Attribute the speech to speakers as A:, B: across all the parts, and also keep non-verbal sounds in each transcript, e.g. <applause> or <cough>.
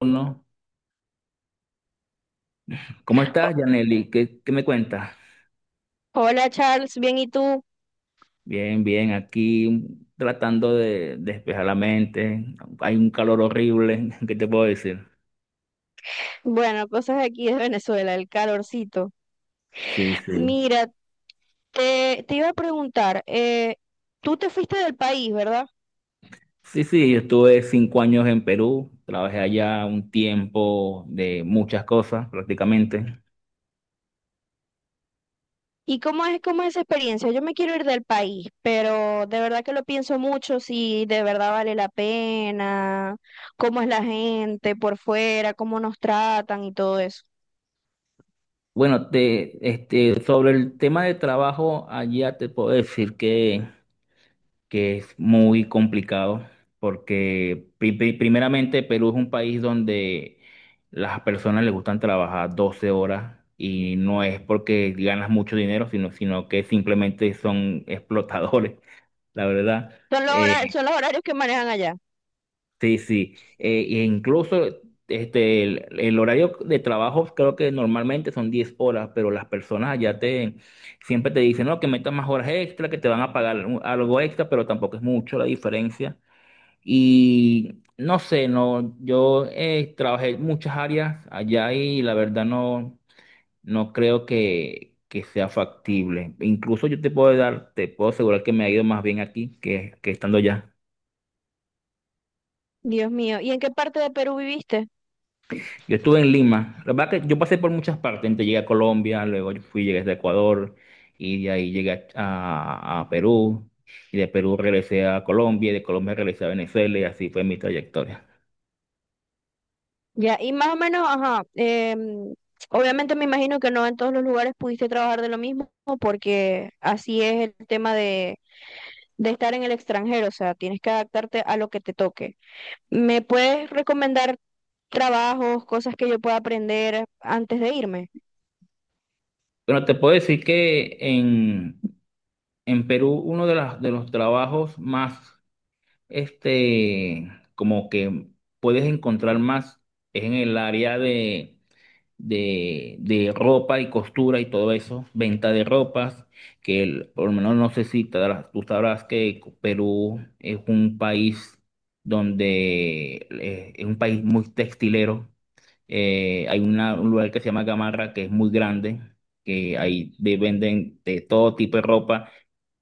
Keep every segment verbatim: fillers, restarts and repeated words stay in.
A: Uno. ¿Cómo
B: O-
A: estás, Yaneli? ¿Qué, qué me cuentas?
B: Hola Charles, bien y tú.
A: Bien, bien, aquí tratando de despejar la mente. Hay un calor horrible, <laughs> ¿qué te puedo decir?
B: Bueno, cosas aquí de Venezuela, el calorcito.
A: Sí, sí.
B: Mira, te, te iba a preguntar, eh, tú te fuiste del país, ¿verdad?
A: Sí, sí, yo estuve cinco años en Perú, trabajé allá un tiempo de muchas cosas prácticamente.
B: ¿Y cómo es, cómo es esa experiencia? Yo me quiero ir del país, pero de verdad que lo pienso mucho, si de verdad vale la pena, cómo es la gente por fuera, cómo nos tratan y todo eso.
A: Bueno, te, este, sobre el tema de trabajo, allá te puedo decir que que es muy complicado porque pri- pri- primeramente Perú es un país donde las personas les gustan trabajar doce horas y no es porque ganas mucho dinero, sino, sino que simplemente son explotadores, <laughs> la verdad.
B: Son los
A: Eh,
B: horarios, son los horarios que manejan allá.
A: sí, sí. Eh, e incluso este, el, el horario de trabajo creo que normalmente son diez horas, pero las personas allá te siempre te dicen, no, que metas más horas extra, que te van a pagar un- algo extra, pero tampoco es mucho la diferencia. Y no sé, no, yo eh, trabajé en muchas áreas allá y la verdad no, no creo que, que sea factible. Incluso yo te puedo dar, te puedo asegurar que me ha ido más bien aquí que, que estando allá.
B: Dios mío, ¿y en qué parte de Perú viviste?
A: Yo estuve en Lima. La verdad que yo pasé por muchas partes. Entonces llegué a Colombia, luego yo fui, llegué a Ecuador y de ahí llegué a, a Perú. Y de Perú regresé a Colombia y de Colombia regresé a Venezuela y así fue mi trayectoria.
B: Ya, y más o menos, ajá, em, obviamente me imagino que no en todos los lugares pudiste trabajar de lo mismo, porque así es el tema de, de estar en el extranjero, o sea, tienes que adaptarte a lo que te toque. ¿Me puedes recomendar trabajos, cosas que yo pueda aprender antes de irme?
A: Bueno, te puedo decir que en, En Perú, uno de, las- de los trabajos más, este, como que puedes encontrar más es en el área de, de, de ropa y costura y todo eso, venta de ropas, que el- por lo menos no sé si te darás- tú sabrás que Perú es un país donde eh, es un país muy textilero. Eh, hay una- un lugar que se llama Gamarra, que es muy grande, que ahí de- venden de todo tipo de ropa.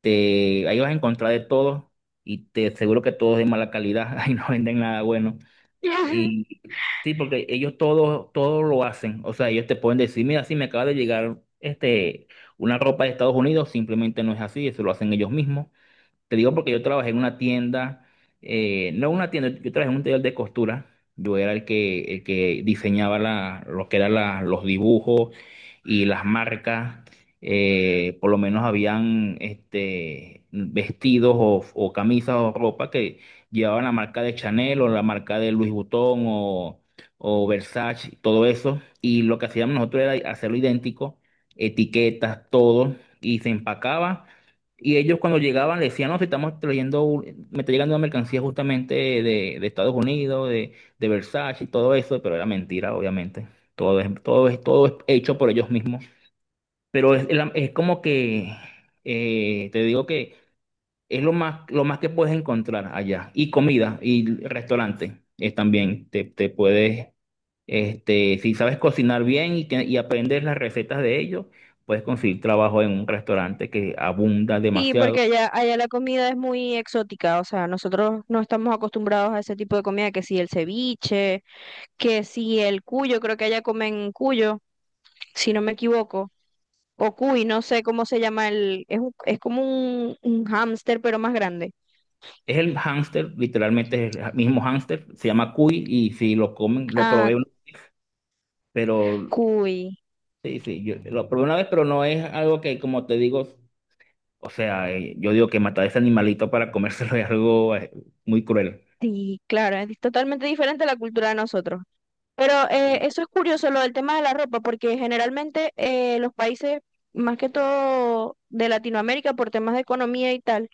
A: Te, ahí vas a encontrar de todo y te aseguro que todo es de mala calidad. <laughs> Ahí no venden nada bueno.
B: <laughs>
A: Y sí, porque ellos todo, todo lo hacen. O sea, ellos te pueden decir, mira, sí me acaba de llegar este, una ropa de Estados Unidos, simplemente no es así, eso lo hacen ellos mismos. Te digo porque yo trabajé en una tienda, eh, no una tienda, yo trabajé en un taller de costura. Yo era el que, el que diseñaba la, lo que eran la- los dibujos y las marcas. Eh, por lo menos habían este, vestidos o, o camisas o ropa que llevaban la marca de Chanel o la marca de Louis Vuitton o, o Versace, todo eso. Y lo que hacíamos nosotros era hacerlo idéntico, etiquetas, todo, y se empacaba. Y ellos cuando llegaban le decían, no, si estamos trayendo, un- me está llegando una mercancía justamente de, de Estados Unidos, de, de Versace y todo eso, pero era mentira, obviamente. Todo es, todo es, todo es hecho por ellos mismos. Pero es, es la- es como que, eh, te digo que es lo más, lo más que puedes encontrar allá. Y comida y restaurantes eh, también. Te, te puedes, este, si sabes cocinar bien y, te- y aprendes las recetas de ellos, puedes conseguir trabajo en un restaurante que abunda
B: Sí, porque
A: demasiado.
B: allá, allá la comida es muy exótica, o sea, nosotros no estamos acostumbrados a ese tipo de comida, que si el ceviche, que si el cuyo, creo que allá comen cuyo, si no me equivoco, o cuy, no sé cómo se llama el, es, un- es como un, un hámster, pero más grande.
A: Es el hámster, literalmente es el mismo hámster, se llama cuy y si lo comen, lo
B: Ah,
A: probé, pero
B: cuy,
A: sí, sí, yo lo probé una vez, pero no es algo que, como te digo, o sea, eh, yo digo que matar a ese animalito para comérselo <laughs> es algo eh, muy cruel.
B: sí, claro, es totalmente diferente a la cultura de nosotros. Pero eh, eso es curioso, lo del tema de la ropa, porque generalmente eh, los países, más que todo de Latinoamérica, por temas de economía y tal,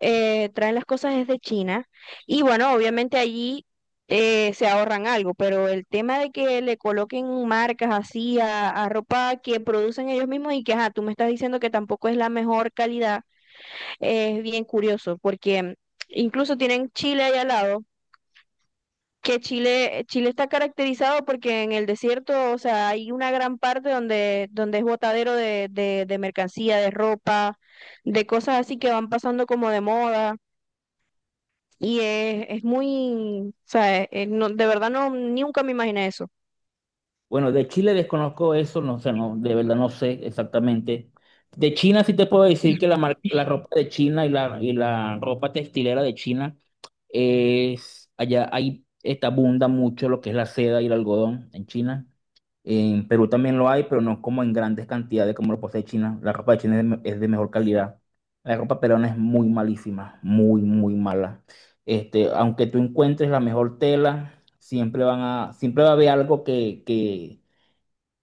B: eh, traen las cosas desde China. Y bueno, obviamente allí eh, se ahorran algo, pero el tema de que le coloquen marcas así a, a ropa que producen ellos mismos y que, ajá, tú me estás diciendo que tampoco es la mejor calidad, eh, es bien curioso, porque incluso tienen Chile allá al lado que Chile, Chile está caracterizado porque en el desierto, o sea, hay una gran parte donde, donde es botadero de, de, de mercancía, de ropa, de cosas así que van pasando como de moda. Y es, es muy, o sea, es- es no- de verdad no, nunca me imaginé eso.
A: Bueno, de Chile desconozco eso, no sé, no, de verdad no sé exactamente. De China sí te puedo decir que la, mar- la
B: <laughs>
A: ropa de China y la, y la ropa textilera de China es, allá hay, está abunda mucho lo que es la seda y el algodón en China. En Perú también lo hay, pero no como en grandes cantidades como lo posee China. La ropa de China es de, me- es de mejor calidad. La ropa peruana es muy malísima, muy, muy mala. Este, aunque tú encuentres la mejor tela, siempre van a, siempre va a haber algo que, que,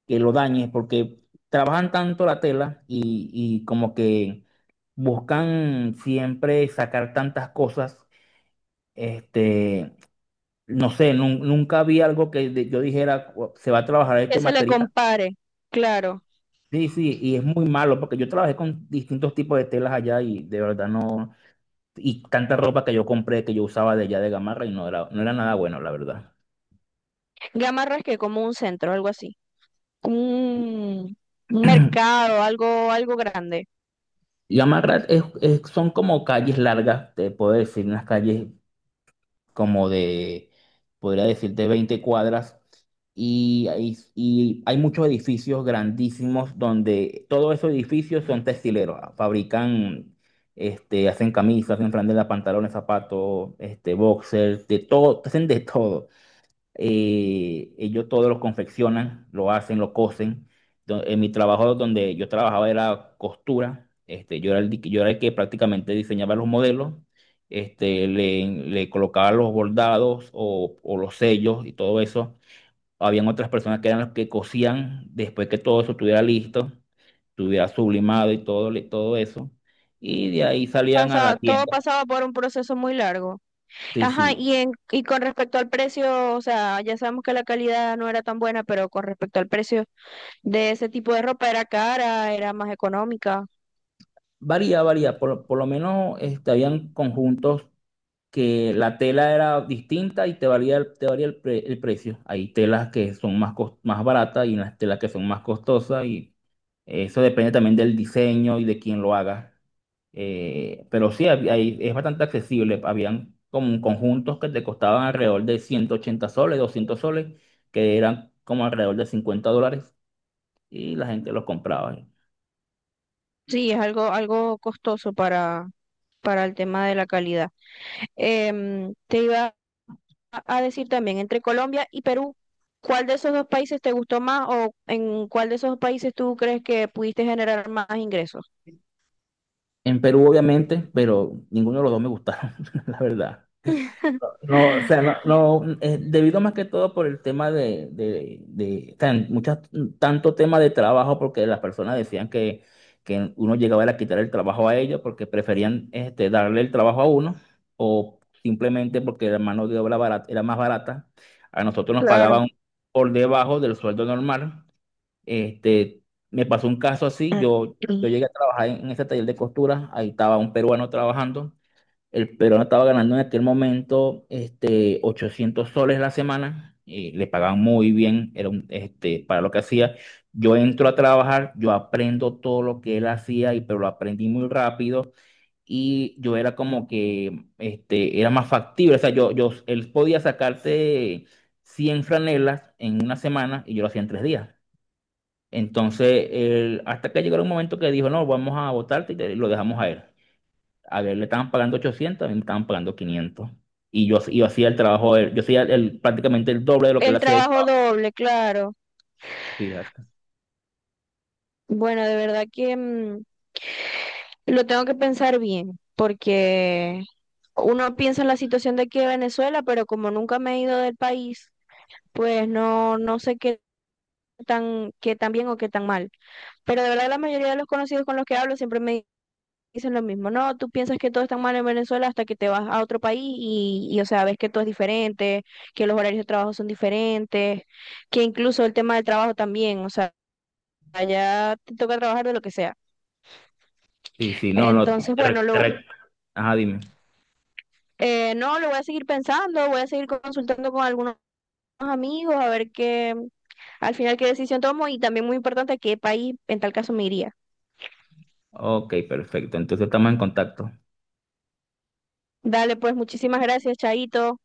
A: que lo dañe, porque trabajan tanto la tela y, y como que buscan siempre sacar tantas cosas. Este, no sé, nun- nunca vi algo que de- yo dijera, "Cu- se va a trabajar
B: Que
A: este
B: se le
A: material".
B: compare, claro.
A: Sí, sí, y es muy malo porque yo trabajé con distintos tipos de telas allá y de verdad no, y tanta ropa que yo compré que yo usaba de allá de Gamarra y no era, no era nada bueno, la verdad.
B: Gamarra es que como un centro, algo así. Un, un
A: <clears throat>
B: mercado, algo, algo grande.
A: Yamarat es, es- son como calles largas, te puedo decir, unas calles como de, podría decirte, veinte cuadras. Y hay, y hay muchos edificios grandísimos donde todos esos edificios son textileros. Fabrican, este, hacen camisas, hacen franelas, pantalones, zapatos, este, boxers, de todo, hacen de todo eh, ellos todo lo confeccionan, lo hacen, lo cosen. Do- En mi trabajo donde yo trabajaba era costura, este, yo era el, di- yo era el que prácticamente diseñaba los modelos, este, le, le colocaba los bordados o, o los sellos y todo eso. Habían otras personas que eran las que cosían después que todo eso estuviera listo, estuviera sublimado y todo, le- todo eso. Y de ahí salían a la
B: Pasa, todo
A: tienda.
B: pasaba por un proceso muy largo.
A: Sí,
B: Ajá,
A: sí.
B: y, en, y con respecto al precio, o sea, ya sabemos que la calidad no era tan buena, pero con respecto al precio de ese tipo de ropa era cara, era más económica.
A: Varía, varía. Por, por lo menos este, habían conjuntos que la tela era distinta y te valía, el- te varía el, pre- el precio. Hay telas que son más, cos- más baratas y las telas que son más costosas y eso depende también del diseño y de quién lo haga. Eh, pero sí, hab- hay- es bastante accesible. Habían como conjuntos que te costaban alrededor de ciento ochenta soles, doscientos soles, que eran como alrededor de cincuenta dólares y la gente los compraba.
B: Sí, es algo, algo costoso para, para el tema de la calidad. Em, te iba a decir también, entre Colombia y Perú, ¿cuál de esos dos países te gustó más o en cuál de esos dos países tú crees que pudiste generar más ingresos?
A: En Perú, obviamente, pero ninguno de los dos me gustaron, <laughs> la verdad. No, o sea, no, no, eh, debido más que todo por el tema de, de, de tan- muchas, tanto tema de trabajo, porque las personas decían que, que uno llegaba a quitar el trabajo a ellos porque preferían este, darle el trabajo a uno o simplemente porque la mano de obra barata, era más barata. A nosotros nos
B: Claro.
A: pagaban por debajo del sueldo normal. Este, me pasó un caso así, yo, yo
B: <clears throat>
A: llegué a trabajar en, en ese taller de costura, ahí estaba un peruano trabajando. El peruano estaba ganando en aquel momento este, ochocientos soles la semana, y le pagaban muy bien, era un, este, para lo que hacía. Yo entro a trabajar, yo aprendo todo lo que él hacía, y, pero lo aprendí muy rápido y yo era como que este, era más factible. O sea, yo, yo, él podía sacarte cien franelas en una semana y yo lo hacía en tres días. Entonces, él- hasta que llegó un momento que dijo, no, vamos a votarte y te- lo dejamos a él. A ver, le estaban pagando ochocientos, a mí me estaban pagando quinientos. Y yo, yo hacía el trabajo de él, yo hacía el, prácticamente el doble de lo que él
B: El
A: hacía el
B: trabajo
A: trabajo.
B: doble, claro.
A: Fíjate.
B: Bueno, de verdad que mm, lo tengo que pensar bien, porque uno piensa en la situación de aquí de Venezuela, pero como nunca me he ido del país, pues no, no sé qué tan, qué tan bien o qué tan mal. Pero de verdad la mayoría de los conocidos con los que hablo siempre me dicen lo mismo. No, tú piensas que todo está mal en Venezuela hasta que te vas a otro país y, y, o sea, ves que todo es diferente, que los horarios de trabajo son diferentes, que incluso el tema del trabajo también, o sea, allá te toca trabajar de lo que sea.
A: Sí, sí, no, no.
B: Entonces,
A: te re-
B: bueno,
A: te
B: lo
A: re- Ajá, dime.
B: Eh, no, lo voy a seguir pensando, voy a seguir consultando con algunos amigos a ver qué, al final qué decisión tomo y también muy importante a qué país en tal caso me iría.
A: Ok, perfecto. Entonces estamos en contacto.
B: Dale, pues muchísimas gracias, Chaito.